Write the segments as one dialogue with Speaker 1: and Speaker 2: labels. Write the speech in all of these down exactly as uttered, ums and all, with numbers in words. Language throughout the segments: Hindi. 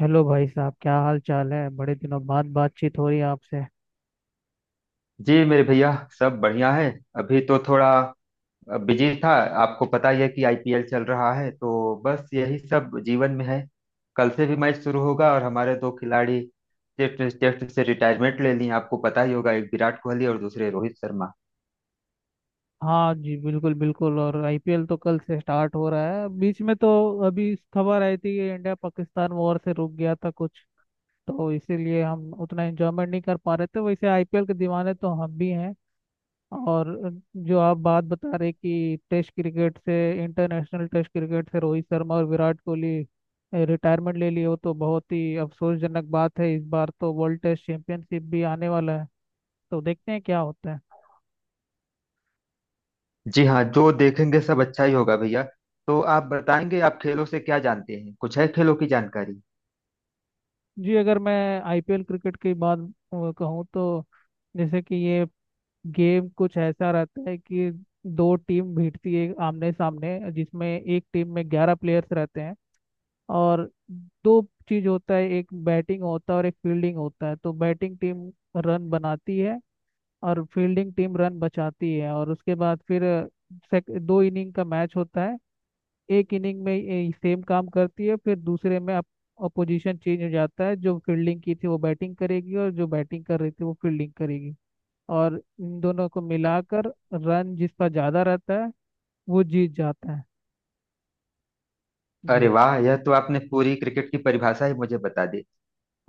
Speaker 1: हेलो भाई साहब, क्या हाल चाल है? बड़े दिनों बाद बातचीत हो रही है आपसे।
Speaker 2: जी मेरे भैया। सब बढ़िया है। अभी तो थोड़ा बिजी था। आपको पता ही है कि आई पी एल चल रहा है, तो बस यही सब जीवन में है। कल से भी मैच शुरू होगा और हमारे दो खिलाड़ी टेस्ट टेस्ट से रिटायरमेंट ले लिए, आपको पता ही होगा, एक विराट कोहली और दूसरे रोहित शर्मा।
Speaker 1: हाँ जी, बिल्कुल बिल्कुल। और आईपीएल तो कल से स्टार्ट हो रहा है, बीच में तो अभी खबर आई थी कि इंडिया पाकिस्तान वॉर से रुक गया था कुछ, तो इसीलिए हम उतना एंजॉयमेंट नहीं कर पा रहे थे। वैसे आईपीएल के दीवाने तो हम भी हैं। और जो आप बात बता रहे कि टेस्ट क्रिकेट से, इंटरनेशनल टेस्ट क्रिकेट से रोहित शर्मा और विराट कोहली रिटायरमेंट ले लिए हो, तो बहुत ही अफसोसजनक बात है। इस बार तो वर्ल्ड टेस्ट चैंपियनशिप भी आने वाला है, तो देखते हैं क्या होता है।
Speaker 2: जी हाँ, जो देखेंगे सब अच्छा ही होगा भैया। तो आप बताएंगे, आप खेलों से क्या जानते हैं? कुछ है खेलों की जानकारी?
Speaker 1: जी, अगर मैं आईपीएल क्रिकेट की बात अ, कहूँ तो जैसे कि ये गेम कुछ ऐसा रहता है कि दो टीम भिड़ती है आमने सामने, जिसमें एक टीम में ग्यारह प्लेयर्स रहते हैं। और दो चीज होता है, एक बैटिंग होता है और एक फील्डिंग होता है। तो बैटिंग टीम रन बनाती है और फील्डिंग टीम रन बचाती है। और उसके बाद फिर अ, sec- दो इनिंग का मैच होता है। एक इनिंग में सेम काम करती है, फिर दूसरे में अप अपोजिशन चेंज हो जाता है। जो फील्डिंग की थी वो बैटिंग करेगी, और जो बैटिंग कर रही थी वो फील्डिंग करेगी। और इन दोनों को मिलाकर रन जिसका ज़्यादा रहता है, वो जीत जाता है।
Speaker 2: अरे
Speaker 1: जी।
Speaker 2: वाह, यह तो आपने पूरी क्रिकेट की परिभाषा ही मुझे बता दी।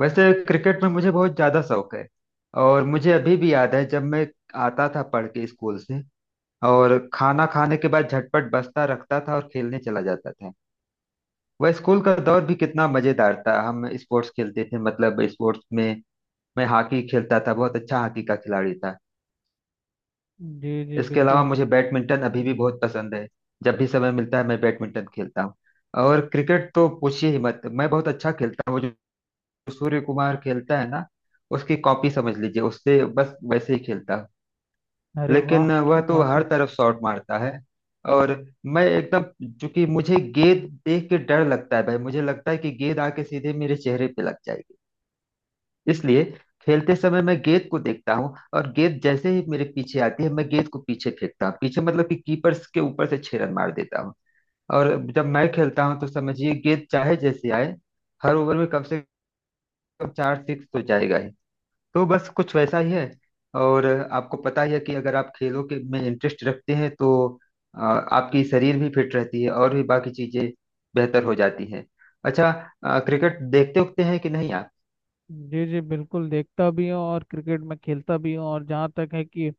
Speaker 2: वैसे क्रिकेट में मुझे बहुत ज़्यादा शौक है। और मुझे अभी भी याद है, जब मैं आता था पढ़ के स्कूल से और खाना खाने के बाद झटपट बस्ता रखता था और खेलने चला जाता था। वह स्कूल का दौर भी कितना मज़ेदार था। हम स्पोर्ट्स खेलते थे, मतलब स्पोर्ट्स में मैं हॉकी खेलता था, बहुत अच्छा हॉकी का खिलाड़ी था।
Speaker 1: जी जी
Speaker 2: इसके अलावा
Speaker 1: बिल्कुल।
Speaker 2: मुझे बैडमिंटन अभी भी बहुत पसंद है। जब भी समय मिलता है मैं बैडमिंटन खेलता हूँ। और क्रिकेट तो पूछिए ही मत, मैं बहुत अच्छा खेलता हूँ। सूर्य कुमार खेलता है ना, उसकी कॉपी समझ लीजिए, उससे बस वैसे ही खेलता हूं।
Speaker 1: अरे वाह,
Speaker 2: लेकिन वह
Speaker 1: क्या
Speaker 2: तो
Speaker 1: बात
Speaker 2: हर
Speaker 1: है।
Speaker 2: तरफ शॉट मारता है, और मैं एकदम, चूंकि मुझे गेंद देख के डर लगता है भाई, मुझे लगता है कि गेंद आके सीधे मेरे चेहरे पे लग जाएगी। इसलिए खेलते समय मैं गेंद को देखता हूँ और गेंद जैसे ही मेरे पीछे आती है, मैं गेंद को पीछे फेंकता हूँ, पीछे मतलब कि कीपर्स के ऊपर से छह रन मार देता हूँ। और जब मैं खेलता हूँ तो समझिए गेंद चाहे जैसे आए, हर ओवर में कम से कम चार सिक्स तो जाएगा ही। तो बस कुछ वैसा ही है। और आपको पता ही है कि अगर आप खेलों के में इंटरेस्ट रखते हैं तो अ, आपकी शरीर भी फिट रहती है और भी बाकी चीजें बेहतर हो जाती हैं। अच्छा, अ, क्रिकेट देखते उखते हैं कि नहीं आप?
Speaker 1: जी जी बिल्कुल, देखता भी हूँ और क्रिकेट में खेलता भी हूँ। और जहाँ तक है कि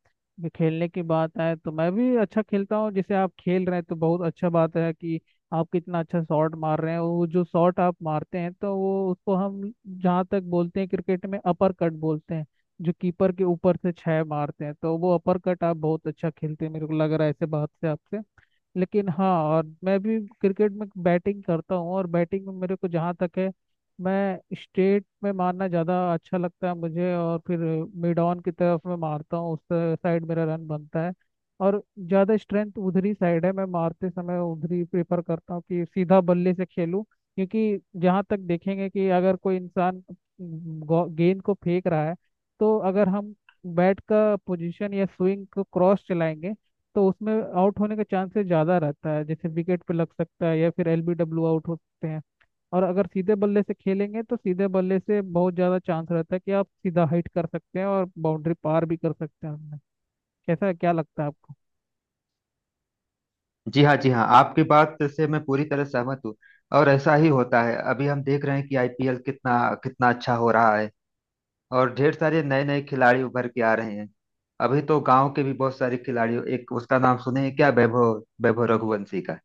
Speaker 1: खेलने की बात आए, तो मैं भी अच्छा खेलता हूँ। जैसे आप खेल रहे हैं तो बहुत अच्छा बात है कि आप कितना अच्छा शॉट मार रहे हैं। वो जो शॉट आप मारते हैं, तो वो, उसको हम जहाँ तक बोलते हैं क्रिकेट में, अपर कट बोलते हैं। जो कीपर के ऊपर से छः मारते हैं, तो वो अपर कट आप बहुत अच्छा खेलते हैं, मेरे को लग रहा है ऐसे बात से आपसे। लेकिन हाँ, और मैं भी क्रिकेट में बैटिंग करता हूँ। और बैटिंग में मेरे को जहाँ तक है, मैं स्टेट में मारना ज़्यादा अच्छा लगता है मुझे। और फिर मिड ऑन की तरफ मैं मारता हूँ, उस साइड मेरा रन बनता है। और ज़्यादा स्ट्रेंथ उधर ही साइड है, मैं मारते समय उधर ही प्रेफर करता हूँ कि सीधा बल्ले से खेलूँ। क्योंकि जहाँ तक देखेंगे कि अगर कोई इंसान गो- गेंद को फेंक रहा है, तो अगर हम बैट का पोजीशन या स्विंग को क्रॉस चलाएंगे, तो उसमें आउट होने का चांसेस ज़्यादा रहता है। जैसे विकेट पे लग सकता है, या फिर एलबीडब्ल्यू आउट हो सकते हैं। और अगर सीधे बल्ले से खेलेंगे, तो सीधे बल्ले से बहुत ज़्यादा चांस रहता है कि आप सीधा हिट कर सकते हैं और बाउंड्री पार भी कर सकते हैं हमने। कैसा, क्या लगता है आपको?
Speaker 2: जी हाँ जी हाँ, आपकी बात से मैं पूरी तरह सहमत हूँ। और ऐसा ही होता है, अभी हम देख रहे हैं कि आई पी एल कितना कितना अच्छा हो रहा है और ढेर सारे नए नए खिलाड़ी उभर के आ रहे हैं। अभी तो गांव के भी बहुत सारे खिलाड़ी, एक उसका नाम सुने हैं क्या, वैभव वैभव रघुवंशी का?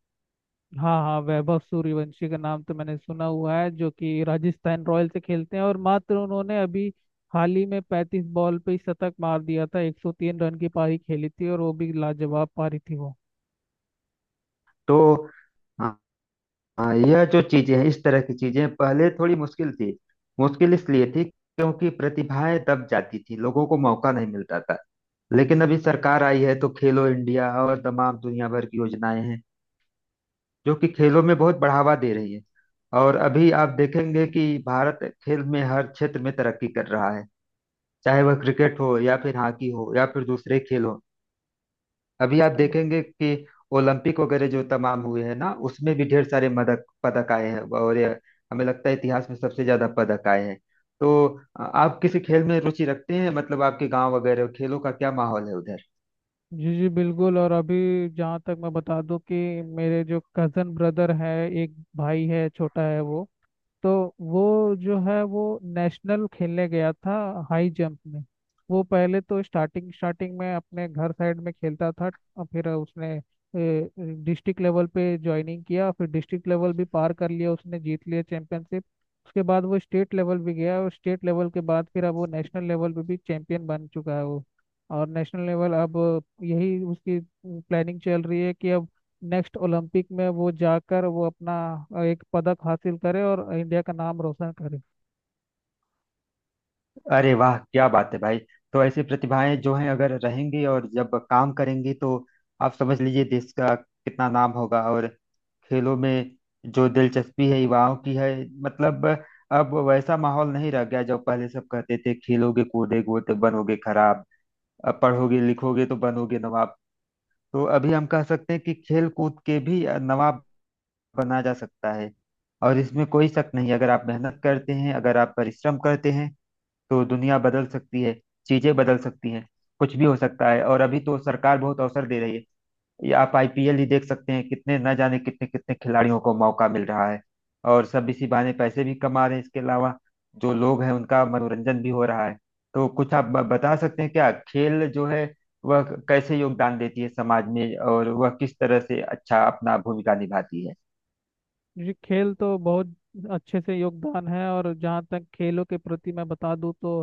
Speaker 1: हाँ हाँ, वैभव सूर्यवंशी का नाम तो मैंने सुना हुआ है, जो कि राजस्थान रॉयल से खेलते हैं। और मात्र उन्होंने अभी हाल ही में पैंतीस बॉल पे ही शतक मार दिया था, एक सौ तीन रन की पारी खेली थी, और वो भी लाजवाब पारी थी वो।
Speaker 2: तो हाँ, हाँ, यह जो चीजें हैं, इस तरह की चीजें पहले थोड़ी मुश्किल थी। मुश्किल इसलिए थी क्योंकि प्रतिभाएं दब जाती थी, लोगों को मौका नहीं मिलता था। लेकिन अभी सरकार आई है, तो खेलो इंडिया और तमाम दुनिया भर की योजनाएं हैं जो कि खेलों में बहुत बढ़ावा दे रही है। और अभी आप देखेंगे कि भारत खेल में हर क्षेत्र में तरक्की कर रहा है, चाहे वह क्रिकेट हो या फिर हॉकी हो या फिर दूसरे खेल हो। अभी आप
Speaker 1: हम्म।
Speaker 2: देखेंगे कि ओलंपिक वगैरह जो तमाम हुए हैं ना, उसमें भी ढेर सारे मदक पदक आए हैं और ये हमें लगता है इतिहास में सबसे ज्यादा पदक आए हैं। तो अ, आप किसी खेल में रुचि रखते हैं? मतलब आपके गांव वगैरह खेलों का क्या माहौल है उधर?
Speaker 1: जी जी बिल्कुल। और अभी जहाँ तक मैं बता दूं कि मेरे जो कज़न ब्रदर है, एक भाई है, छोटा है वो, तो वो जो है वो नेशनल खेलने गया था, हाई जंप में। वो पहले तो स्टार्टिंग स्टार्टिंग में अपने घर साइड में खेलता था। और फिर उसने डिस्ट्रिक्ट लेवल पे ज्वाइनिंग किया, फिर डिस्ट्रिक्ट लेवल भी पार कर लिया, उसने जीत लिया चैंपियनशिप। उसके बाद वो स्टेट लेवल भी गया, और स्टेट लेवल के बाद फिर अब वो नेशनल लेवल पे भी चैंपियन बन चुका है वो। और नेशनल लेवल अब, यही उसकी प्लानिंग चल रही है कि अब नेक्स्ट ओलंपिक में वो जाकर वो अपना अ, एक पदक हासिल करे और इंडिया का नाम रोशन करे।
Speaker 2: अरे वाह क्या बात है भाई। तो ऐसी प्रतिभाएं जो हैं, अगर रहेंगी और जब काम करेंगी तो आप समझ लीजिए देश का कितना नाम होगा। और खेलों में जो दिलचस्पी है युवाओं की है, मतलब अब वैसा माहौल नहीं रह गया जो पहले सब कहते थे, खेलोगे कूदोगे तो बनोगे खराब, अब पढ़ोगे लिखोगे तो बनोगे नवाब। तो अभी हम कह सकते हैं कि खेल कूद के भी नवाब बना जा सकता है। और इसमें कोई शक नहीं, अगर आप मेहनत करते हैं, अगर आप परिश्रम करते हैं तो दुनिया बदल सकती है, चीजें बदल सकती हैं, कुछ भी हो सकता है। और अभी तो सरकार बहुत अवसर दे रही है। ये आप आई पी एल ही देख सकते हैं, कितने न जाने कितने कितने खिलाड़ियों को मौका मिल रहा है और सब इसी बहाने पैसे भी कमा रहे हैं। इसके अलावा जो लोग हैं उनका मनोरंजन भी हो रहा है। तो कुछ आप ब- बता सकते हैं क्या, खेल जो है वह कैसे योगदान देती है समाज में और वह किस तरह से अच्छा अपना भूमिका निभाती है?
Speaker 1: जी, खेल तो बहुत अच्छे से योगदान है। और जहाँ तक खेलों के प्रति मैं बता दूँ तो,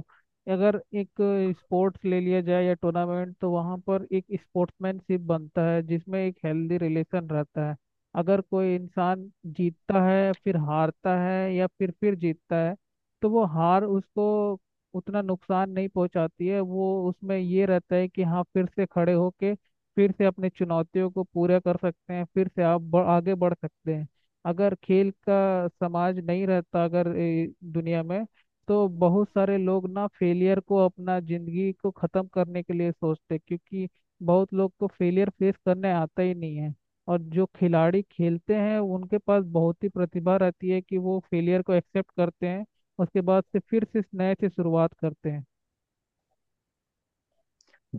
Speaker 1: अगर एक स्पोर्ट्स ले लिया जाए या टूर्नामेंट, तो वहाँ पर एक स्पोर्ट्समैनशिप बनता है जिसमें एक हेल्दी रिलेशन रहता है। अगर कोई इंसान जीतता है फिर हारता है या फिर फिर जीतता है, तो वो हार उसको उतना नुकसान नहीं पहुंचाती है। वो उसमें ये रहता है कि हाँ, फिर से खड़े होके फिर से अपनी चुनौतियों को पूरा कर सकते हैं, फिर से आप ब- आगे बढ़ सकते हैं। अगर खेल का समाज नहीं रहता अगर ए, दुनिया में, तो बहुत सारे लोग ना फेलियर को अपना जिंदगी को खत्म करने के लिए सोचते, क्योंकि बहुत लोग को फेलियर फेस करने आता ही नहीं है। और जो खिलाड़ी खेलते हैं उनके पास बहुत ही प्रतिभा रहती है कि वो फेलियर को एक्सेप्ट करते हैं, उसके बाद से फिर से इस नए से शुरुआत करते हैं।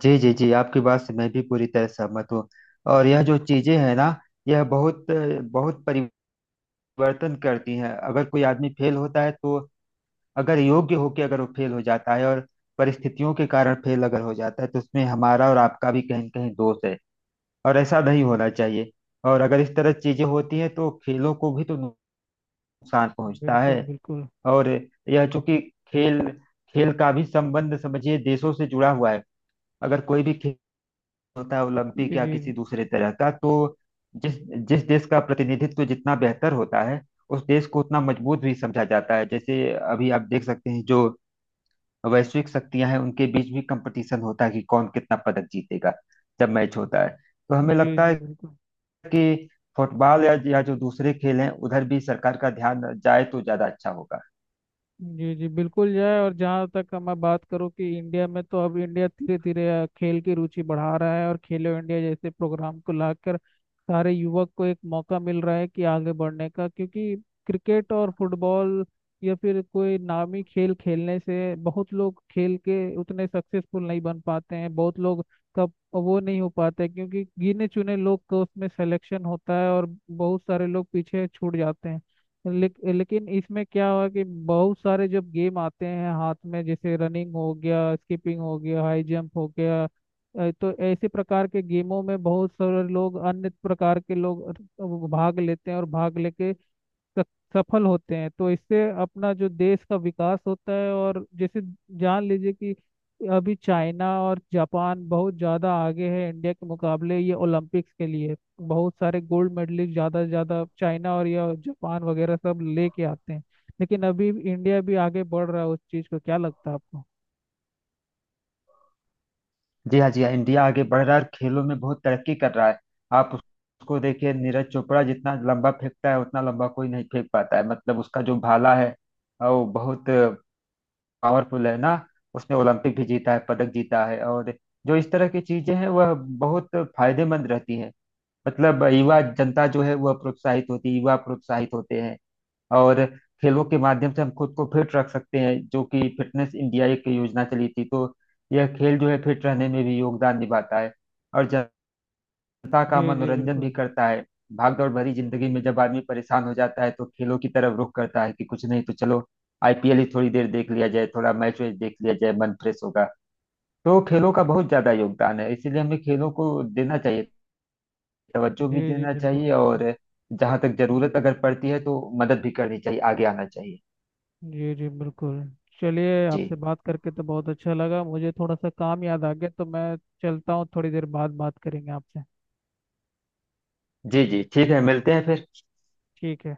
Speaker 2: जी जी जी, आपकी बात से मैं भी पूरी तरह सहमत हूँ। और यह जो चीजें हैं ना, यह बहुत बहुत परिवर्तन वर्तन करती हैं। अगर कोई आदमी फेल होता है, तो अगर योग्य होके अगर वो फेल हो जाता है और परिस्थितियों के कारण फेल लगा हो जाता है, तो उसमें हमारा और आपका भी कहीं-कहीं दोस्त है। और ऐसा नहीं होना चाहिए। और अगर इस तरह चीजें होती हैं, तो खेलों को भी तो नुकसान पहुंचता
Speaker 1: बिल्कुल
Speaker 2: है।
Speaker 1: बिल्कुल।
Speaker 2: और यह क्य होता है ओलंपिक
Speaker 1: जी
Speaker 2: या
Speaker 1: जी।
Speaker 2: किसी दूसरे तरह का, तो जिस जिस देश का प्रतिनिधित्व जितना बेहतर होता है उस देश को उतना मजबूत भी समझा जाता है। जैसे अभी आप देख सकते हैं, जो वैश्विक शक्तियां हैं उनके बीच भी कंपटीशन होता है कि कौन कितना पदक जीतेगा। जब मैच होता है तो हमें
Speaker 1: जी
Speaker 2: लगता
Speaker 1: जी
Speaker 2: है
Speaker 1: बिल्कुल।
Speaker 2: कि फुटबॉल या, या जो दूसरे खेल हैं, उधर भी सरकार का ध्यान जाए तो ज्यादा अच्छा होगा।
Speaker 1: जी जी बिल्कुल जाए। और जहाँ तक मैं बात करूँ कि इंडिया में, तो अब इंडिया धीरे धीरे अ, खेल की रुचि बढ़ा रहा है, और खेलो इंडिया जैसे प्रोग्राम को लाकर सारे युवक को एक मौका मिल रहा है कि आगे बढ़ने का। क्योंकि क्रिकेट और फुटबॉल या फिर कोई नामी खेल खेलने से बहुत लोग खेल के उतने सक्सेसफुल नहीं बन पाते हैं, बहुत लोग का वो नहीं हो पाता है, क्योंकि गिने चुने लोग का उसमें सिलेक्शन होता है और बहुत सारे लोग पीछे छूट जाते हैं। लेक, लेकिन इसमें क्या हुआ कि बहुत सारे जब गेम आते हैं हाथ में, जैसे रनिंग हो गया, स्कीपिंग हो गया, हाई जंप हो गया अ, तो ऐसे प्रकार के गेमों में बहुत सारे लोग, अन्य प्रकार के लोग अ, वो भाग लेते हैं, और भाग लेके स- सफल होते हैं। तो इससे अपना जो देश का विकास होता है। और जैसे जान लीजिए कि अभी चाइना और जापान बहुत ज़्यादा आगे है इंडिया के मुकाबले, ये ओलंपिक्स के लिए बहुत सारे गोल्ड मेडलिस्ट ज़्यादा से ज़्यादा चाइना और या जापान वगैरह सब लेके आते हैं। लेकिन अभी इंडिया भी आगे बढ़ रहा है उस चीज़ को, क्या लगता है आपको?
Speaker 2: जी हाँ जी हाँ, इंडिया आगे बढ़ रहा है और खेलों में बहुत तरक्की कर रहा है। आप उस- उसको देखिए, नीरज चोपड़ा जितना लंबा फेंकता है उतना लंबा कोई नहीं फेंक पाता है, मतलब उसका जो भाला है अ, वो बहुत पावरफुल है ना। उसने ओलंपिक भी जीता है, पदक जीता है। और जो इस तरह की चीजें हैं वह बहुत फायदेमंद रहती है, मतलब युवा जनता जो है वह प्रोत्साहित होती है, युवा प्रोत्साहित होते हैं। और खेलों के माध्यम से हम खुद को फिट रख सकते हैं, जो कि फिटनेस इंडिया एक योजना चली थी, तो यह खेल जो है फिट रहने में भी योगदान निभाता है। और जनता
Speaker 1: जी
Speaker 2: का
Speaker 1: जी
Speaker 2: मनोरंजन भी
Speaker 1: बिल्कुल।
Speaker 2: करता है। भागदौड़ भरी जिंदगी में जब आदमी परेशान हो जाता है तो खेलों की तरफ रुख करता है कि कुछ नहीं तो चलो आई पी एल ही थोड़ी देर देख लिया जाए, थोड़ा मैच वैच देख लिया जाए, मन फ्रेश होगा। तो खेलों का बहुत ज्यादा योगदान है, इसीलिए हमें खेलों को देना चाहिए, तवज्जो
Speaker 1: जी
Speaker 2: भी
Speaker 1: जी
Speaker 2: देना
Speaker 1: बिल्कुल
Speaker 2: चाहिए। और
Speaker 1: बिल्कुल।
Speaker 2: जहां तक जरूरत अगर पड़ती है तो मदद भी करनी चाहिए, आगे आना चाहिए।
Speaker 1: जी जी बिल्कुल। चलिए,
Speaker 2: जी
Speaker 1: आपसे बात करके तो बहुत अच्छा लगा। मुझे थोड़ा सा काम याद आ गया तो मैं चलता हूँ, थोड़ी देर बाद बात करेंगे आपसे।
Speaker 2: जी जी ठीक है, मिलते हैं फिर।
Speaker 1: ठीक है।